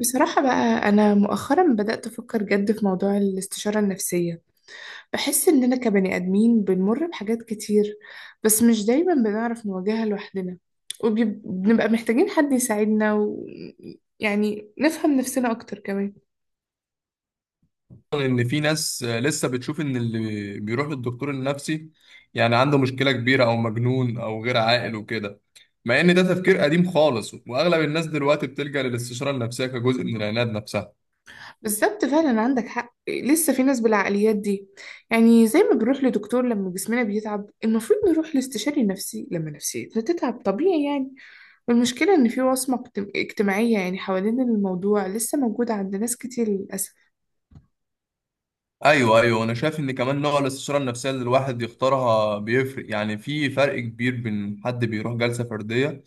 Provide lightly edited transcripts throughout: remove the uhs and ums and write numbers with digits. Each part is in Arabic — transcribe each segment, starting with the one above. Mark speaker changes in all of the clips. Speaker 1: بصراحة بقى، أنا مؤخرا بدأت أفكر جد في موضوع الاستشارة النفسية. بحس إننا كبني آدمين بنمر بحاجات كتير، بس مش دايما بنعرف نواجهها لوحدنا، وبنبقى محتاجين حد يساعدنا يعني نفهم نفسنا أكتر كمان.
Speaker 2: ان في ناس لسه بتشوف ان اللي بيروح للدكتور النفسي يعني عنده مشكلة كبيرة او مجنون او غير عاقل وكده. مع ان ده تفكير قديم خالص، واغلب الناس دلوقتي بتلجأ للاستشارة النفسية كجزء من العناد نفسها.
Speaker 1: بالظبط، فعلا عندك حق، لسه في ناس بالعقليات دي. يعني زي ما بنروح لدكتور لما جسمنا بيتعب، المفروض نروح لاستشاري نفسي لما نفسيتنا تتعب، طبيعي يعني. المشكلة إن في وصمة اجتماعية يعني حوالين الموضوع لسه موجودة عند ناس كتير للأسف.
Speaker 2: ايوه ايوه، انا شايف ان كمان نوع الاستشارة النفسية اللي الواحد يختارها بيفرق، يعني في فرق كبير بين حد بيروح جلسة فردية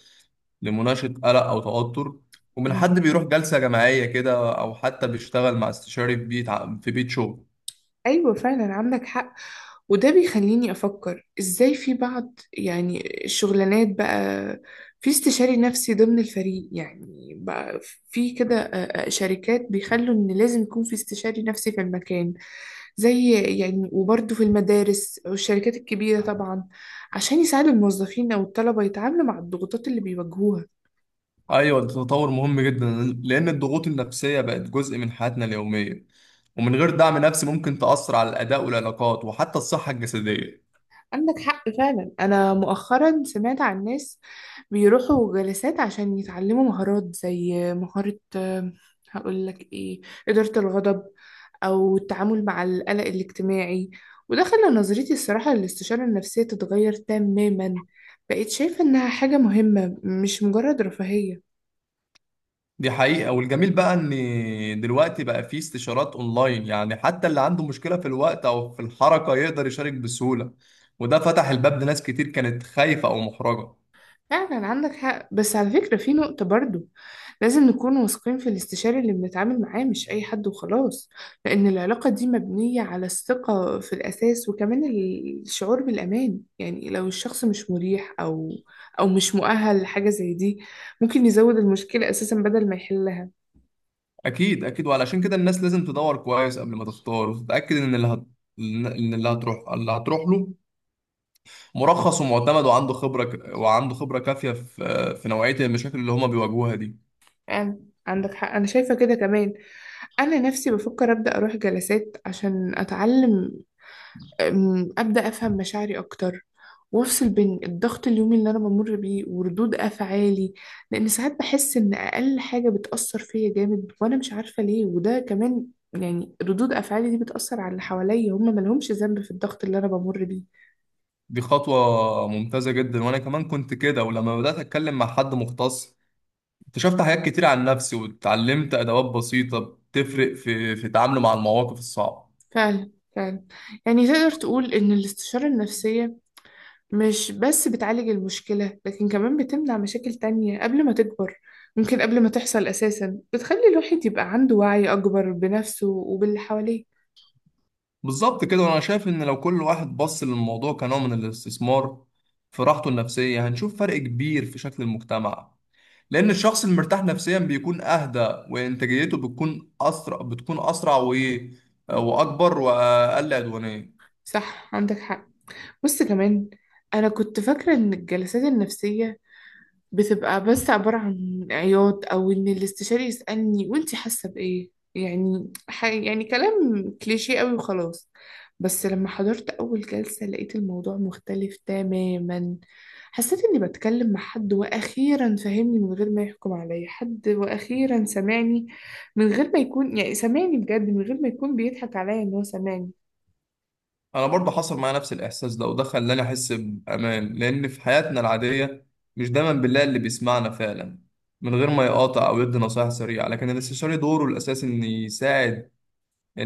Speaker 2: لمناقشة قلق او توتر، ومن حد
Speaker 1: مم.
Speaker 2: بيروح جلسة جماعية كده او حتى بيشتغل مع استشاري في بيت في بيت شغل.
Speaker 1: أيوة، فعلا عندك حق. وده بيخليني أفكر إزاي في بعض يعني الشغلانات بقى، في استشاري نفسي ضمن الفريق يعني بقى، في كده شركات بيخلوا إن لازم يكون في استشاري نفسي في المكان، زي يعني. وبرضه في المدارس والشركات الكبيرة طبعا، عشان يساعدوا الموظفين أو الطلبة يتعاملوا مع الضغوطات اللي بيواجهوها.
Speaker 2: ايوه، ده تطور مهم جدا، لان الضغوط النفسيه بقت جزء من حياتنا اليوميه، ومن غير دعم نفسي ممكن تاثر على الاداء والعلاقات وحتى الصحه الجسديه.
Speaker 1: عندك حق فعلا. أنا مؤخرا سمعت عن ناس بيروحوا جلسات عشان يتعلموا مهارات، زي مهارة هقول لك إيه، إدارة الغضب، أو التعامل مع القلق الاجتماعي. وده خلى نظرتي الصراحة للاستشارة النفسية تتغير تماما. بقيت شايفة إنها حاجة مهمة، مش مجرد رفاهية.
Speaker 2: دي حقيقه، والجميل بقى ان دلوقتي بقى في استشارات اونلاين، يعني حتى اللي عنده مشكله في الوقت او في الحركه يقدر يشارك بسهوله، وده فتح الباب لناس كتير كانت خايفه او محرجه.
Speaker 1: فعلا عندك حق. بس على فكرة في نقطة برضو، لازم نكون واثقين في الاستشاري اللي بنتعامل معاه، مش أي حد وخلاص. لأن العلاقة دي مبنية على الثقة في الأساس، وكمان الشعور بالأمان. يعني لو الشخص مش مريح، أو مش مؤهل لحاجة زي دي، ممكن يزود المشكلة أساسا بدل ما يحلها.
Speaker 2: اكيد اكيد، وعلشان كده الناس لازم تدور كويس قبل ما تختار وتتاكد ان اللي هتروح له مرخص ومعتمد، وعنده خبرة كافية في نوعية المشاكل اللي هما بيواجهوها دي.
Speaker 1: يعني عندك حق، أنا شايفة كده كمان. أنا نفسي بفكر أبدأ أروح جلسات عشان أتعلم، أبدأ أفهم مشاعري أكتر، وأفصل بين الضغط اليومي اللي أنا بمر بيه وردود أفعالي. لأن ساعات بحس إن أقل حاجة بتأثر فيا جامد وأنا مش عارفة ليه. وده كمان يعني ردود أفعالي دي بتأثر على اللي حواليا، هم ملهمش ذنب في الضغط اللي أنا بمر بيه.
Speaker 2: دي خطوة ممتازة جدا، وأنا كمان كنت كده، ولما بدأت أتكلم مع حد مختص اكتشفت حاجات كتير عن نفسي، واتعلمت أدوات بسيطة بتفرق في تعامله مع المواقف الصعبة.
Speaker 1: فعلا فعلا. يعني تقدر تقول إن الاستشارة النفسية مش بس بتعالج المشكلة، لكن كمان بتمنع مشاكل تانية قبل ما تكبر، ممكن قبل ما تحصل أساسا. بتخلي الواحد يبقى عنده وعي أكبر بنفسه وباللي حواليه.
Speaker 2: بالظبط كده، وأنا شايف إن لو كل واحد بص للموضوع كنوع من الاستثمار في راحته النفسية هنشوف فرق كبير في شكل المجتمع. لأن الشخص المرتاح نفسيا بيكون أهدى، وإنتاجيته بتكون أسرع، وأكبر وأقل عدوانية.
Speaker 1: صح، عندك حق. بص كمان، أنا كنت فاكرة إن الجلسات النفسية بتبقى بس عبارة عن عياط، أو إن الاستشاري يسألني وإنتي حاسة بإيه، يعني يعني كلام كليشيه قوي وخلاص. بس لما حضرت أول جلسة لقيت الموضوع مختلف تماما. حسيت إني بتكلم مع حد وأخيرا فهمني من غير ما يحكم عليا، حد وأخيرا سمعني من غير ما يكون، يعني سمعني بجد من غير ما يكون بيضحك عليا إن هو سمعني.
Speaker 2: أنا برضه حصل معايا نفس الإحساس ده، وده خلاني أحس بأمان. لأن في حياتنا العادية مش دايما بنلاقي اللي بيسمعنا فعلا من غير ما يقاطع أو يدي نصايح سريعة، لكن الاستشاري دوره الأساسي إن يساعد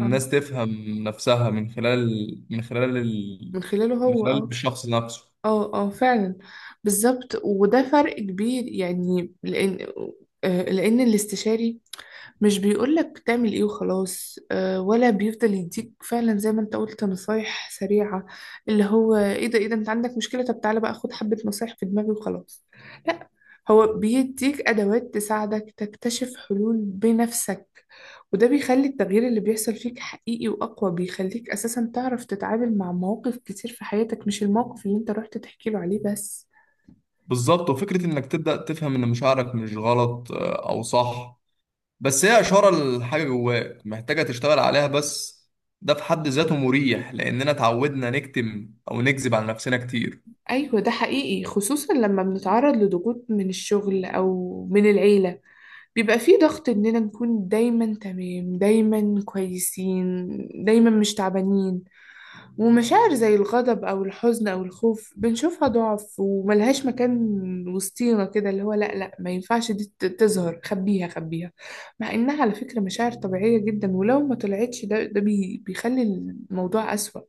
Speaker 1: آه،
Speaker 2: تفهم نفسها من خلال من خلال ال...
Speaker 1: من خلاله
Speaker 2: من
Speaker 1: هو
Speaker 2: خلال الشخص نفسه.
Speaker 1: اه اه، فعلا. بالظبط، وده فرق كبير يعني. لان لان الاستشاري مش بيقولك تعمل ايه وخلاص، ولا بيفضل يديك فعلا زي ما انت قلت نصايح سريعة. اللي هو ايه ده، ايه ده، انت عندك مشكلة؟ طب تعالى بقى خد حبة نصايح في دماغي وخلاص. لا، هو بيديك ادوات تساعدك تكتشف حلول بنفسك. وده بيخلي التغيير اللي بيحصل فيك حقيقي واقوى، بيخليك اساسا تعرف تتعامل مع مواقف كتير في حياتك، مش الموقف اللي انت رحت تحكي له عليه بس.
Speaker 2: بالظبط، وفكرة إنك تبدأ تفهم إن مشاعرك مش غلط أو صح، بس هي إشارة لحاجة جواك محتاجة تشتغل عليها، بس ده في حد ذاته مريح لأننا اتعودنا نكتم أو نكذب على نفسنا كتير.
Speaker 1: ايوه، ده حقيقي، خصوصا لما بنتعرض لضغوط من الشغل او من العيلة، بيبقى فيه ضغط إننا نكون دايما تمام، دايما كويسين، دايما مش تعبانين. ومشاعر زي الغضب أو الحزن أو الخوف بنشوفها ضعف وملهاش مكان وسطينا كده، اللي هو لأ لأ ما ينفعش دي تظهر، خبيها خبيها. مع إنها على فكرة مشاعر طبيعية جدا، ولو ما طلعتش، ده ده بي بيخلي الموضوع أسوأ.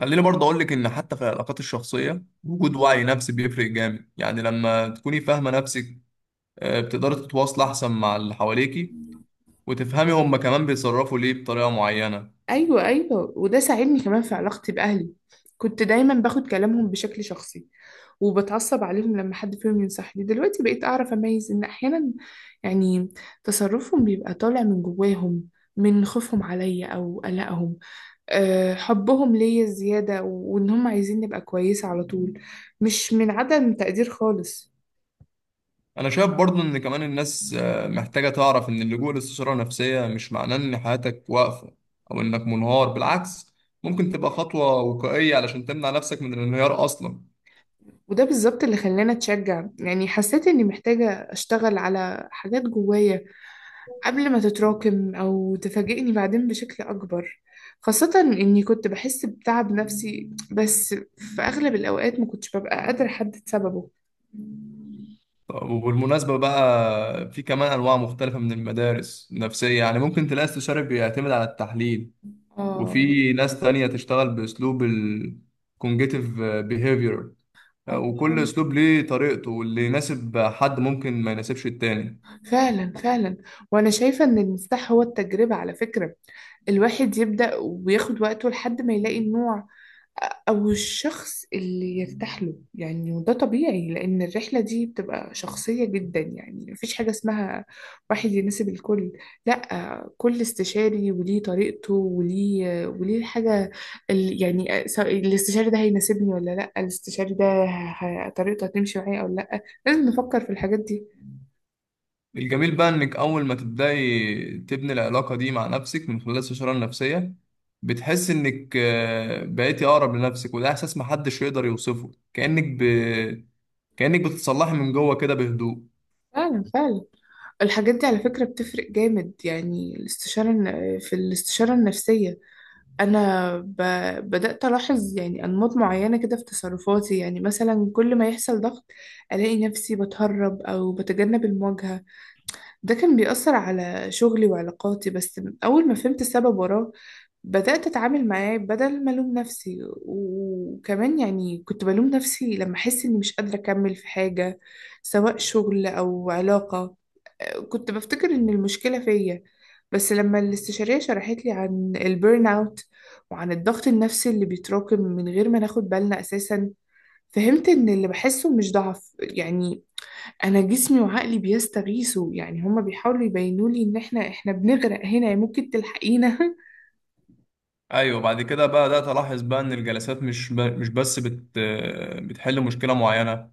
Speaker 2: خليني برضه أقولك إن حتى في العلاقات الشخصية وجود وعي نفسي بيفرق جامد. يعني لما تكوني فاهمة نفسك بتقدري تتواصلي أحسن مع اللي حواليكي، وتفهمي هما كمان بيتصرفوا ليه بطريقة معينة.
Speaker 1: أيوة أيوة، وده ساعدني كمان في علاقتي بأهلي. كنت دايما باخد كلامهم بشكل شخصي وبتعصب عليهم لما حد فيهم ينصحني. دلوقتي بقيت أعرف أميز إن أحيانا يعني تصرفهم بيبقى طالع من جواهم، من خوفهم عليا أو قلقهم، أه حبهم ليا زيادة، وإن هم عايزين نبقى كويسة على طول، مش من عدم تقدير خالص.
Speaker 2: انا شايف برضو ان كمان الناس محتاجة تعرف ان اللجوء لاستشارة نفسية مش معناه ان حياتك واقفة او انك منهار. بالعكس، ممكن تبقى خطوة وقائية علشان تمنع نفسك من الانهيار اصلا.
Speaker 1: وده بالظبط اللي خلاني أتشجع. يعني حسيت إني محتاجة أشتغل على حاجات جوايا قبل ما تتراكم أو تفاجئني بعدين بشكل أكبر، خاصة إني كنت بحس بتعب نفسي بس في أغلب الأوقات ما كنتش ببقى قادرة أحدد سببه.
Speaker 2: طب، وبالمناسبة بقى في كمان انواع مختلفة من المدارس النفسية، يعني ممكن تلاقي استشاري بيعتمد على التحليل،
Speaker 1: آه.
Speaker 2: وفي ناس تانية تشتغل باسلوب الكونجيتيف بيهيفير، وكل
Speaker 1: آه.
Speaker 2: اسلوب ليه طريقته، واللي يناسب حد ممكن ما يناسبش التاني.
Speaker 1: فعلا فعلا. وأنا شايفة إن المفتاح هو التجربة، على فكرة. الواحد يبدأ وياخد وقته لحد ما يلاقي النوع او الشخص اللي يرتاح له يعني. وده طبيعي لان الرحله دي بتبقى شخصيه جدا. يعني مفيش حاجه اسمها واحد يناسب الكل. لا، كل استشاري وليه طريقته، وليه الحاجه. يعني سواء الاستشاري ده هيناسبني ولا لا، الاستشاري ده طريقته هتمشي معايا او لا، لازم نفكر في الحاجات دي.
Speaker 2: الجميل بقى انك اول ما تبداي تبني العلاقه دي مع نفسك من خلال الشرايين النفسيه بتحس انك بقيتي اقرب لنفسك، وده احساس محدش يقدر يوصفه. كانك بتتصلحي من جوه كده بهدوء.
Speaker 1: فعلا فعلا. الحاجات دي على فكره بتفرق جامد، يعني الاستشاره في الاستشاره النفسيه انا بدات الاحظ يعني انماط معينه كده في تصرفاتي. يعني مثلا كل ما يحصل ضغط، الاقي نفسي بتهرب او بتجنب المواجهه. ده كان بيأثر على شغلي وعلاقاتي، بس اول ما فهمت السبب وراه بدات اتعامل معاه بدل ما الوم نفسي. وكمان يعني كنت بلوم نفسي لما احس اني مش قادره اكمل في حاجه، سواء شغل او علاقه. كنت بفتكر ان المشكلة فيا. بس لما الاستشارية شرحت لي عن البيرن اوت، وعن الضغط النفسي اللي بيتراكم من غير ما ناخد بالنا اساسا، فهمت ان اللي بحسه مش ضعف يعني. انا جسمي وعقلي بيستغيثوا، يعني هما بيحاولوا يبينوا لي ان احنا بنغرق هنا، يعني ممكن تلحقينا.
Speaker 2: ايوه، بعد كده بقى بدات الاحظ بقى ان الجلسات مش بس بت... آه، بتحل مشكله معينه.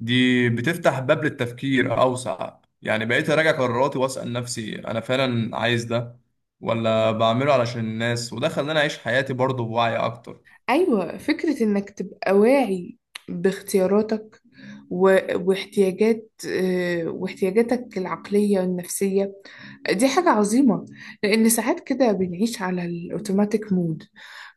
Speaker 2: دي بتفتح باب للتفكير اوسع، يعني بقيت اراجع قراراتي واسال نفسي انا فعلا عايز ده ولا بعمله علشان الناس، وده خلاني اعيش حياتي برضه بوعي اكتر.
Speaker 1: أيوة، فكرة إنك تبقى واعي باختياراتك واحتياجات، واحتياجاتك العقلية والنفسية، دي حاجة عظيمة. لأن ساعات كده بنعيش على الأوتوماتيك مود،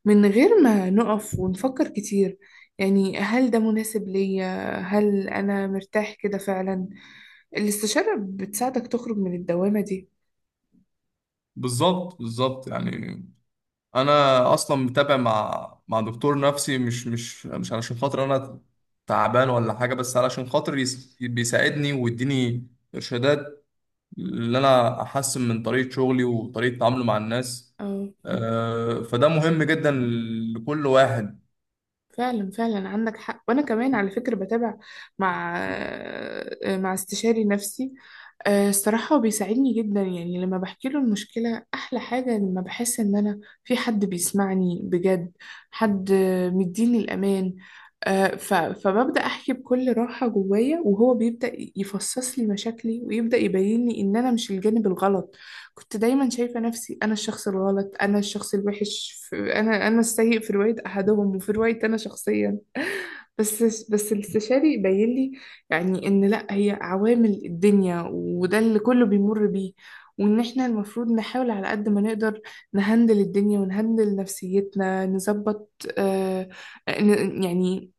Speaker 1: من غير ما نقف ونفكر كتير، يعني هل ده مناسب ليا، هل أنا مرتاح كده فعلا. الاستشارة بتساعدك تخرج من الدوامة دي.
Speaker 2: بالظبط بالظبط، يعني انا اصلا متابع مع دكتور نفسي، مش علشان خاطر انا تعبان ولا حاجه، بس علشان خاطر بيساعدني ويديني ارشادات اللي انا احسن من طريقه شغلي وطريقه تعاملي مع الناس.
Speaker 1: اه،
Speaker 2: فده مهم جدا لكل واحد.
Speaker 1: فعلا فعلا عندك حق. وانا كمان على فكره بتابع مع استشاري نفسي. الصراحه هو بيساعدني جدا. يعني لما بحكي له المشكله، احلى حاجه لما بحس ان انا في حد بيسمعني بجد، حد مديني الامان. فببدا احكي بكل راحه جوايا، وهو بيبدا يفصص لي مشاكلي ويبدا يبين لي ان انا مش الجانب الغلط. كنت دايما شايفة نفسي أنا الشخص الغلط، أنا الشخص الوحش في، أنا السيء في رواية أحدهم وفي رواية أنا شخصيا. بس بس الاستشاري بين لي يعني إن لأ، هي عوامل الدنيا وده اللي كله بيمر بيه. وإن إحنا المفروض نحاول على قد ما نقدر نهندل الدنيا ونهندل نفسيتنا، نظبط آه يعني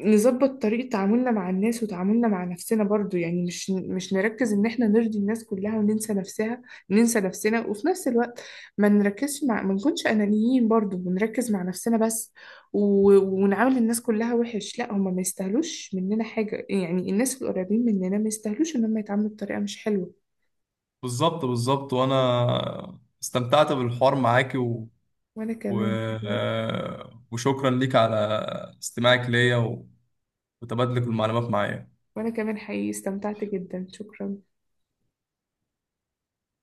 Speaker 1: نظبط طريقة تعاملنا مع الناس وتعاملنا مع نفسنا برضو. يعني مش نركز ان احنا نرضي الناس كلها وننسى نفسها، ننسى نفسنا، وفي نفس الوقت ما نركزش مع ما نكونش انانيين برضو ونركز مع نفسنا بس و... ونعامل الناس كلها وحش. لا، هما ما يستاهلوش مننا حاجة يعني، الناس القريبين مننا ما يستاهلوش ان هم يتعاملوا بطريقة مش حلوة.
Speaker 2: بالظبط بالظبط، وانا استمتعت بالحوار معاكي و...
Speaker 1: وانا
Speaker 2: و...
Speaker 1: كمان حقيقي
Speaker 2: آه، وشكرا ليك على استماعك ليا وتبادلك المعلومات معايا.
Speaker 1: وانا كمان حقيقي استمتعت جدا، شكرا.